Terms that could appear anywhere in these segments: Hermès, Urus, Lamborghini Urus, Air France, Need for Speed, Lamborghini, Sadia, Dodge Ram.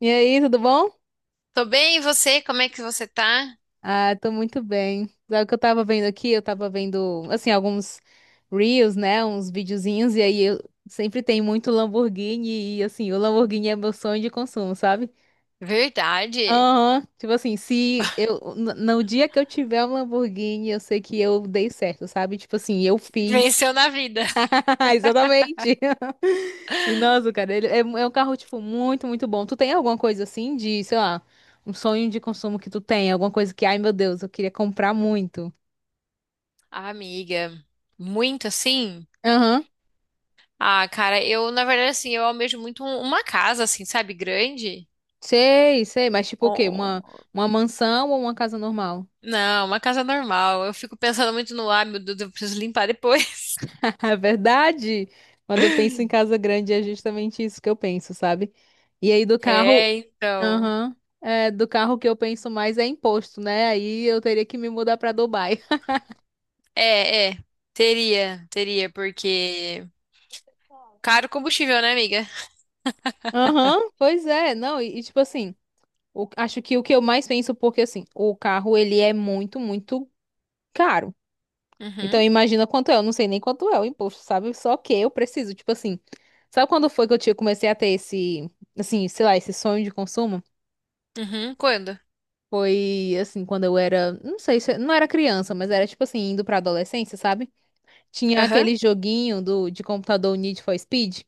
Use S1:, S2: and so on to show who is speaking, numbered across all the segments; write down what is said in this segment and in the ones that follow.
S1: E aí, tudo bom?
S2: Tô bem, e você? Como é que você tá?
S1: Ah, tô muito bem. Sabe o que eu tava vendo aqui? Eu tava vendo, assim, alguns reels, né? Uns videozinhos, e aí eu sempre tem muito Lamborghini, e assim, o Lamborghini é meu sonho de consumo, sabe?
S2: Verdade.
S1: Aham, tipo assim, se eu, no dia que eu tiver um Lamborghini, eu sei que eu dei certo, sabe? Tipo assim, eu fiz.
S2: Venceu na vida.
S1: Exatamente. E nossa, cara, ele é um carro, tipo, muito, muito bom. Tu tem alguma coisa assim de, sei lá, um sonho de consumo que tu tem? Alguma coisa que, ai meu Deus, eu queria comprar muito.
S2: Ah, amiga, muito assim?
S1: Aham.
S2: Ah, cara, na verdade, assim, eu almejo muito uma casa, assim, sabe, grande.
S1: Sei, sei, mas tipo o quê? Uma,
S2: Oh.
S1: uma mansão ou uma casa normal?
S2: Não, uma casa normal. Eu fico pensando muito no, ah, meu Deus, eu preciso limpar depois.
S1: É verdade. Quando eu penso em casa grande, é justamente isso que eu penso, sabe? E aí do carro,
S2: É, então.
S1: aham, é, do carro que eu penso mais é imposto, né? Aí eu teria que me mudar pra Dubai.
S2: É, é. Teria, teria, porque. Caro combustível, né, amiga?
S1: Aham, pois é, não, e tipo assim, acho que o que eu mais penso, porque assim, o carro ele é muito, muito caro. Então
S2: Uhum,
S1: imagina quanto é, eu não sei nem quanto é o imposto, sabe? Só que eu preciso, tipo assim, sabe quando foi que eu tinha, comecei a ter esse, assim, sei lá, esse sonho de consumo?
S2: uhum. Quando?
S1: Foi assim, quando eu era, não sei, não era criança, mas era tipo assim, indo pra adolescência, sabe? Tinha
S2: Aham.
S1: aquele joguinho do, de computador Need for Speed.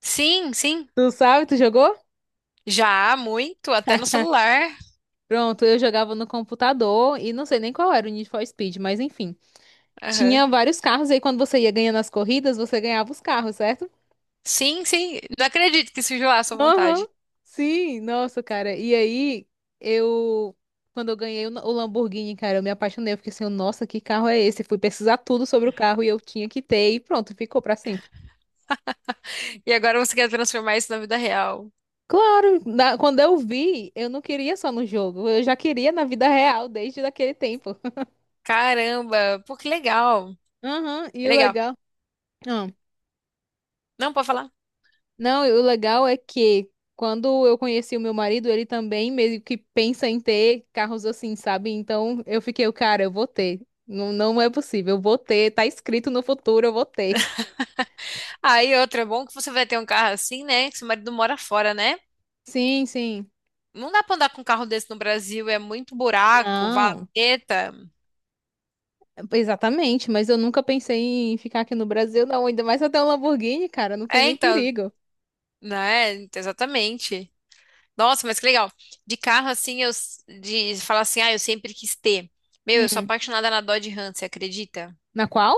S2: Sim, sim.
S1: Tu sabe, tu jogou?
S2: Já, muito, até no celular.
S1: Pronto, eu jogava no computador e não sei nem qual era o Need for Speed, mas enfim.
S2: Aham.
S1: Tinha vários carros e aí quando você ia ganhando as corridas, você ganhava os carros, certo?
S2: Sim, sim. Não acredito que surgiu lá à sua
S1: Aham.
S2: vontade.
S1: Sim, nossa, cara. E aí, eu. Quando eu ganhei o Lamborghini, cara, eu me apaixonei. Eu fiquei assim, nossa, que carro é esse? Fui pesquisar tudo sobre o carro e eu tinha que ter e pronto, ficou pra sempre.
S2: E agora você quer transformar isso na vida real.
S1: Claro, quando eu vi, eu não queria só no jogo, eu já queria na vida real desde daquele tempo.
S2: Caramba, pô, que legal.
S1: Aham,
S2: Que
S1: e o
S2: legal.
S1: legal.
S2: Não, pode falar.
S1: Não, e o legal é que quando eu conheci o meu marido, ele também meio que pensa em ter carros assim, sabe? Então eu fiquei, cara, eu vou ter. Não, não é possível, eu vou ter. Tá escrito no futuro, eu vou ter.
S2: Ah, e outra, é bom que você vai ter um carro assim, né? Que seu marido mora fora, né?
S1: Sim, sim.
S2: Não dá pra andar com um carro desse no Brasil, é muito buraco,
S1: Não,
S2: valeta.
S1: exatamente, mas eu nunca pensei em ficar aqui no Brasil, não. Ainda mais até um Lamborghini, cara, não tem
S2: É,
S1: nem
S2: então,
S1: perigo.
S2: né? Exatamente. Nossa, mas que legal. De carro assim, de falar assim, ah, eu sempre quis ter. Meu, eu sou
S1: Hum,
S2: apaixonada na Dodge Ram, você acredita?
S1: na qual?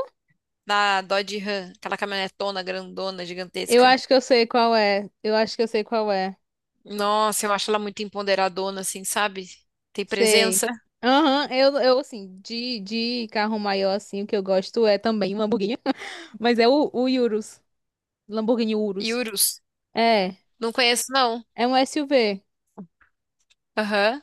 S2: Na Dodge Ram, aquela caminhonetona grandona,
S1: Eu
S2: gigantesca.
S1: acho que eu sei qual é. Eu acho que eu sei qual é.
S2: Nossa, eu acho ela muito empoderadona, assim, sabe? Tem
S1: Sei.
S2: presença.
S1: Aham, eu assim, de carro maior, assim, o que eu gosto é também um Lamborghini, mas é o Urus, Lamborghini
S2: E
S1: Urus.
S2: Urus.
S1: É,
S2: Não conheço, não.
S1: é um SUV.
S2: Aham.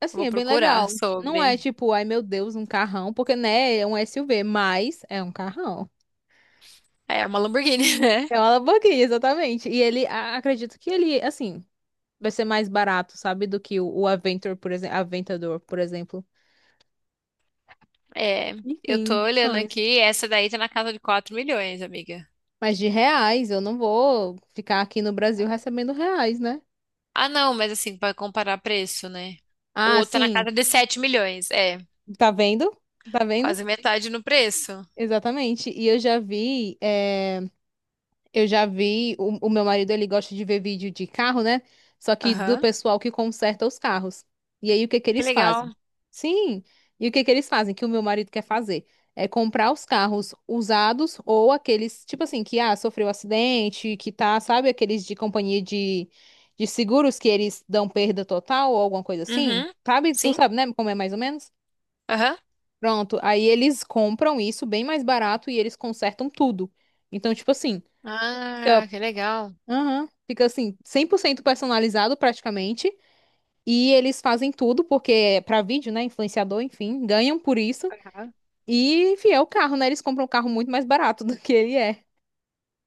S1: Assim,
S2: Vou
S1: é bem
S2: procurar
S1: legal. Não é
S2: sobre.
S1: tipo, ai meu Deus, um carrão, porque, né, é um SUV, mas é um carrão.
S2: É é uma Lamborghini, né?
S1: É uma Lamborghini, exatamente. E ele, acredito que ele, assim, vai ser mais barato, sabe, do que o Aventor, por exemplo, Aventador, por exemplo.
S2: É, eu tô
S1: Enfim,
S2: olhando
S1: sonhos.
S2: aqui, essa daí tá na casa de 4 milhões, amiga.
S1: Mas de reais, eu não vou ficar aqui no Brasil recebendo reais, né?
S2: Ah, não, mas assim, pra comparar preço, né? O
S1: Ah,
S2: outro tá na
S1: sim.
S2: casa de 7 milhões, é,
S1: Tá vendo? Tá vendo?
S2: quase metade no preço.
S1: Exatamente. E eu já vi. Eu já vi, o meu marido ele gosta de ver vídeo de carro, né? Só que do
S2: Aham.
S1: pessoal que conserta os carros. E aí o que que
S2: Que
S1: eles fazem?
S2: legal.
S1: Sim. E o que que eles fazem? Que o meu marido quer fazer? É comprar os carros usados ou aqueles, tipo assim, que ah, sofreu acidente, que tá, sabe, aqueles de companhia de seguros que eles dão perda total ou alguma coisa assim.
S2: Uhum,
S1: Sabe? Tu
S2: sim,
S1: sabe, né? Como é mais ou menos?
S2: aham.
S1: Pronto. Aí eles compram isso bem mais barato e eles consertam tudo. Então, tipo assim.
S2: Ah,
S1: Fica
S2: que legal.
S1: Aham. Fica assim, 100% personalizado praticamente. E eles fazem tudo, porque é pra vídeo, né? Influenciador, enfim, ganham por isso.
S2: Aham.
S1: E, enfim, é o carro, né? Eles compram um carro muito mais barato do que ele é.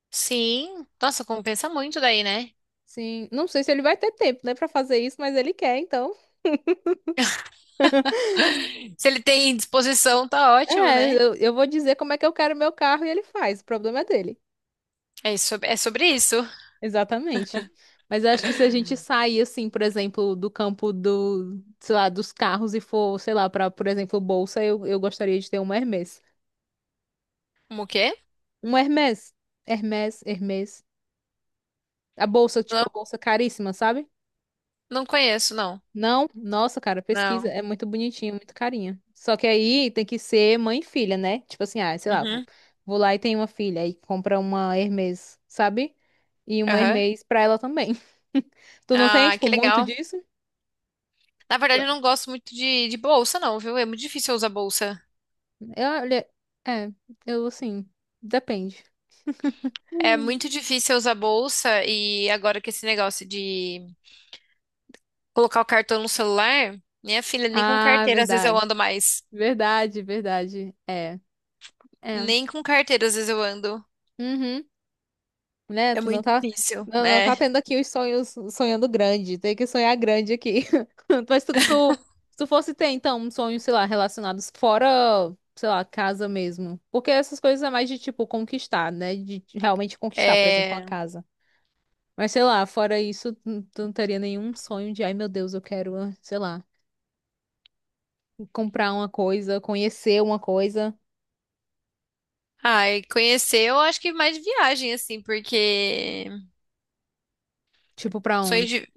S2: Sim, nossa, compensa muito daí, né?
S1: Sim, não sei se ele vai ter tempo, né, pra fazer isso, mas ele quer, então.
S2: Se ele tem disposição, tá ótimo,
S1: É,
S2: né?
S1: eu vou dizer como é que eu quero meu carro e ele faz. O problema é dele.
S2: É isso, é sobre isso.
S1: Exatamente. Mas eu acho que se a gente sair, assim, por exemplo, do campo do, sei lá, dos carros e for, sei lá, pra, por exemplo, bolsa, eu gostaria de ter uma Hermès.
S2: Como o quê?
S1: Um Hermès. Hermès, Hermès. A bolsa, tipo,
S2: Não,
S1: a bolsa caríssima, sabe?
S2: não conheço, não.
S1: Não, nossa, cara, pesquisa.
S2: Não.
S1: É muito bonitinho, muito carinha. Só que aí tem que ser mãe e filha, né? Tipo assim, ah, sei lá, vou,
S2: Uhum.
S1: vou lá e tenho uma filha. Aí compra uma Hermès, sabe? E uma
S2: Aham.
S1: Hermès pra ela também. Tu não tem,
S2: Ah,
S1: tipo,
S2: que
S1: muito
S2: legal.
S1: disso?
S2: Na verdade, eu não gosto muito de bolsa, não, viu? É muito difícil eu usar bolsa.
S1: Eu, olha, é, eu assim, depende.
S2: É
S1: Hum.
S2: muito difícil eu usar bolsa e agora que esse negócio de colocar o cartão no celular, minha filha, nem com
S1: Ah,
S2: carteira às vezes eu
S1: verdade.
S2: ando mais.
S1: Verdade, verdade. É, é.
S2: Nem com carteira às vezes eu ando.
S1: Uhum. Né?
S2: É
S1: Tu não
S2: muito
S1: tá,
S2: difícil.
S1: não, não
S2: É.
S1: tá tendo aqui os sonhos sonhando grande. Tem que sonhar grande aqui. Mas tu, se tu fosse ter, então, um sonho, sei lá, relacionados fora, sei lá, casa mesmo. Porque essas coisas é mais de, tipo, conquistar, né? De realmente conquistar, por exemplo, uma
S2: É.
S1: casa. Mas, sei lá, fora isso, tu não teria nenhum sonho de, ai, meu Deus, eu quero, ah, sei lá, comprar uma coisa, conhecer uma coisa.
S2: Ah, e conhecer eu acho que mais de viagem, assim, porque
S1: Tipo, pra
S2: sonho
S1: onde?
S2: de.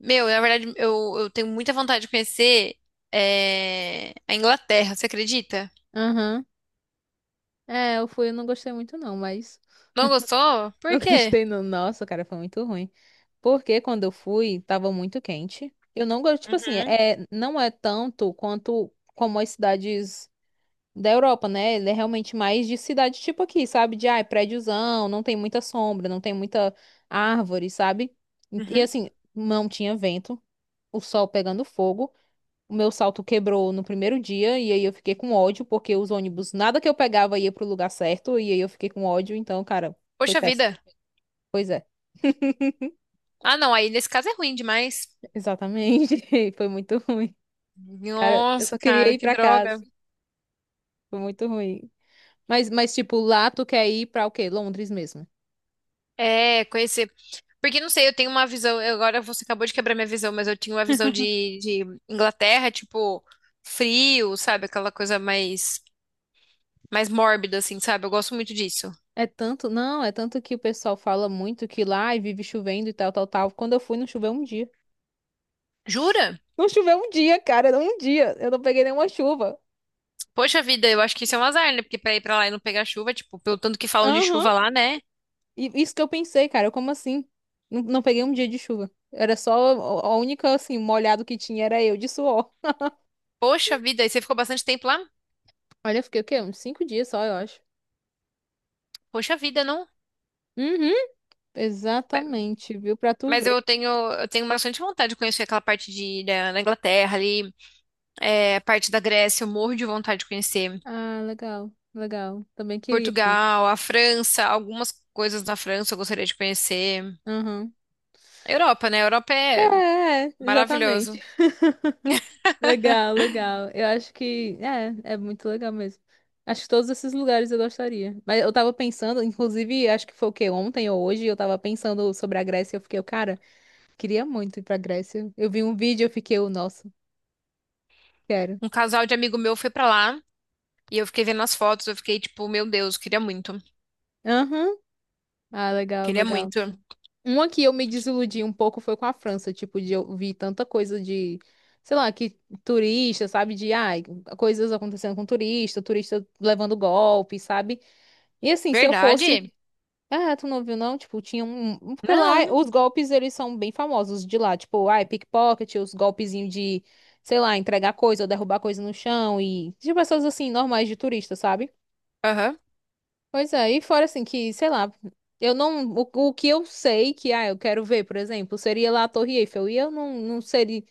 S2: Meu, na verdade, eu tenho muita vontade de conhecer é, a Inglaterra, você acredita?
S1: Aham. É, eu fui, eu não gostei muito, não, mas
S2: Não gostou?
S1: Não
S2: Por quê?
S1: gostei, não. Nossa, cara, foi muito ruim. Porque quando eu fui, tava muito quente. Eu não gosto, tipo assim,
S2: Uhum,
S1: é, não é tanto quanto como as cidades da Europa, né? Ele é realmente mais de cidade tipo aqui, sabe? De, ai, prédiozão, não tem muita sombra, não tem muita árvore, sabe? E
S2: uhum.
S1: assim, não tinha vento, o sol pegando fogo. O meu salto quebrou no primeiro dia, e aí eu fiquei com ódio, porque os ônibus, nada que eu pegava ia pro lugar certo, e aí eu fiquei com ódio, então, cara, foi
S2: Poxa
S1: péssimo.
S2: vida.
S1: Pois é.
S2: Ah, não, aí nesse caso é ruim demais.
S1: Exatamente. Foi muito ruim. Cara, eu
S2: Nossa,
S1: só queria
S2: cara,
S1: ir
S2: que
S1: pra casa.
S2: droga.
S1: Foi muito ruim. Mas tipo, lá tu quer ir pra o quê? Londres mesmo.
S2: É, conhecer. Porque não sei, eu tenho uma visão. Agora você acabou de quebrar minha visão, mas eu tinha uma visão de Inglaterra, tipo, frio, sabe? Aquela coisa mais. Mais mórbida, assim, sabe? Eu gosto muito disso.
S1: É tanto, não, é tanto que o pessoal fala muito que lá ai, vive chovendo e tal, tal, tal. Quando eu fui, não choveu um dia.
S2: Jura?
S1: Não choveu um dia, cara, não um dia. Eu não peguei nenhuma chuva.
S2: Poxa vida, eu acho que isso é um azar, né? Porque pra ir pra lá e não pegar chuva, tipo, pelo tanto que falam de
S1: Aham.
S2: chuva lá, né?
S1: E isso que eu pensei, cara, como assim? Não, não peguei um dia de chuva. Era só a única, assim, molhado que tinha era eu de suor.
S2: Poxa vida, e você ficou bastante tempo lá?
S1: Olha, eu fiquei o quê? Uns 5 dias só, eu acho.
S2: Poxa vida, não.
S1: Uhum.
S2: Ma-
S1: Exatamente, viu? Pra tu
S2: Mas
S1: ver.
S2: eu tenho bastante vontade de conhecer aquela parte da Inglaterra ali, é, a parte da Grécia, eu morro de vontade de conhecer.
S1: Ah, legal, legal. Também queria ir.
S2: Portugal, a França, algumas coisas da França eu gostaria de conhecer.
S1: Aham.
S2: Europa, né? Europa
S1: É,
S2: é
S1: é, exatamente.
S2: maravilhoso.
S1: Legal, legal. Eu acho que é muito legal mesmo. Acho que todos esses lugares eu gostaria. Mas eu tava pensando, inclusive, acho que foi o quê? Ontem ou hoje, eu tava pensando sobre a Grécia. Eu fiquei, eu, cara, queria muito ir pra Grécia. Eu vi um vídeo, eu fiquei, eu, nossa, quero.
S2: Um casal de amigo meu foi pra lá e eu fiquei vendo as fotos, eu fiquei tipo, meu Deus, queria muito.
S1: Aham. Ah, legal,
S2: Queria
S1: legal.
S2: muito.
S1: Uma que eu me desiludi um pouco foi com a França, tipo, de eu vi tanta coisa de, sei lá, que turista, sabe, de, ai, coisas acontecendo com turista, turista levando golpe, sabe? E assim, se eu fosse,
S2: Verdade?
S1: ah, tu não viu não? Tipo, tinha um, porque lá
S2: Não.
S1: os golpes, eles são bem famosos de lá, tipo, ai, pickpocket, os golpezinhos de, sei lá, entregar coisa ou derrubar coisa no chão e de pessoas assim, normais de turista, sabe?
S2: Aham.
S1: Pois é, e fora assim que, sei lá, eu não, o que eu sei que, ah, eu quero ver, por exemplo, seria lá a Torre Eiffel, e eu não, não seria,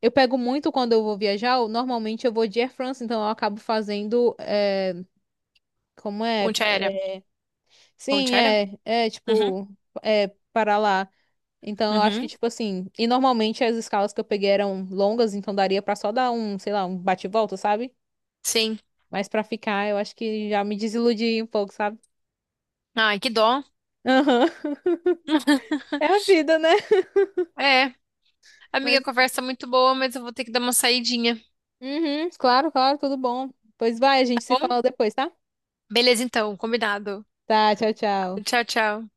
S1: eu pego muito quando eu vou viajar, normalmente eu vou de Air France, então eu acabo fazendo, é, como é,
S2: Ponte aérea.
S1: É.
S2: Ponte
S1: Sim,
S2: aérea?
S1: é, é,
S2: Uhum.
S1: tipo, é, para lá, então eu acho que,
S2: Uhum.
S1: tipo assim, e normalmente as escalas que eu peguei eram longas, então daria pra só dar um, sei lá, um bate-volta, sabe?
S2: Sim.
S1: Mas pra ficar, eu acho que já me desiludi um pouco, sabe?
S2: Ai, que dó.
S1: Aham, é a vida, né?
S2: É. Amiga, a
S1: Mas
S2: conversa é muito boa, mas eu vou ter que dar uma saidinha,
S1: uhum, claro, claro, tudo bom. Pois vai, a
S2: tá
S1: gente se fala
S2: bom?
S1: depois, tá?
S2: Beleza, então. Combinado.
S1: Tá, tchau, tchau.
S2: Tchau, tchau.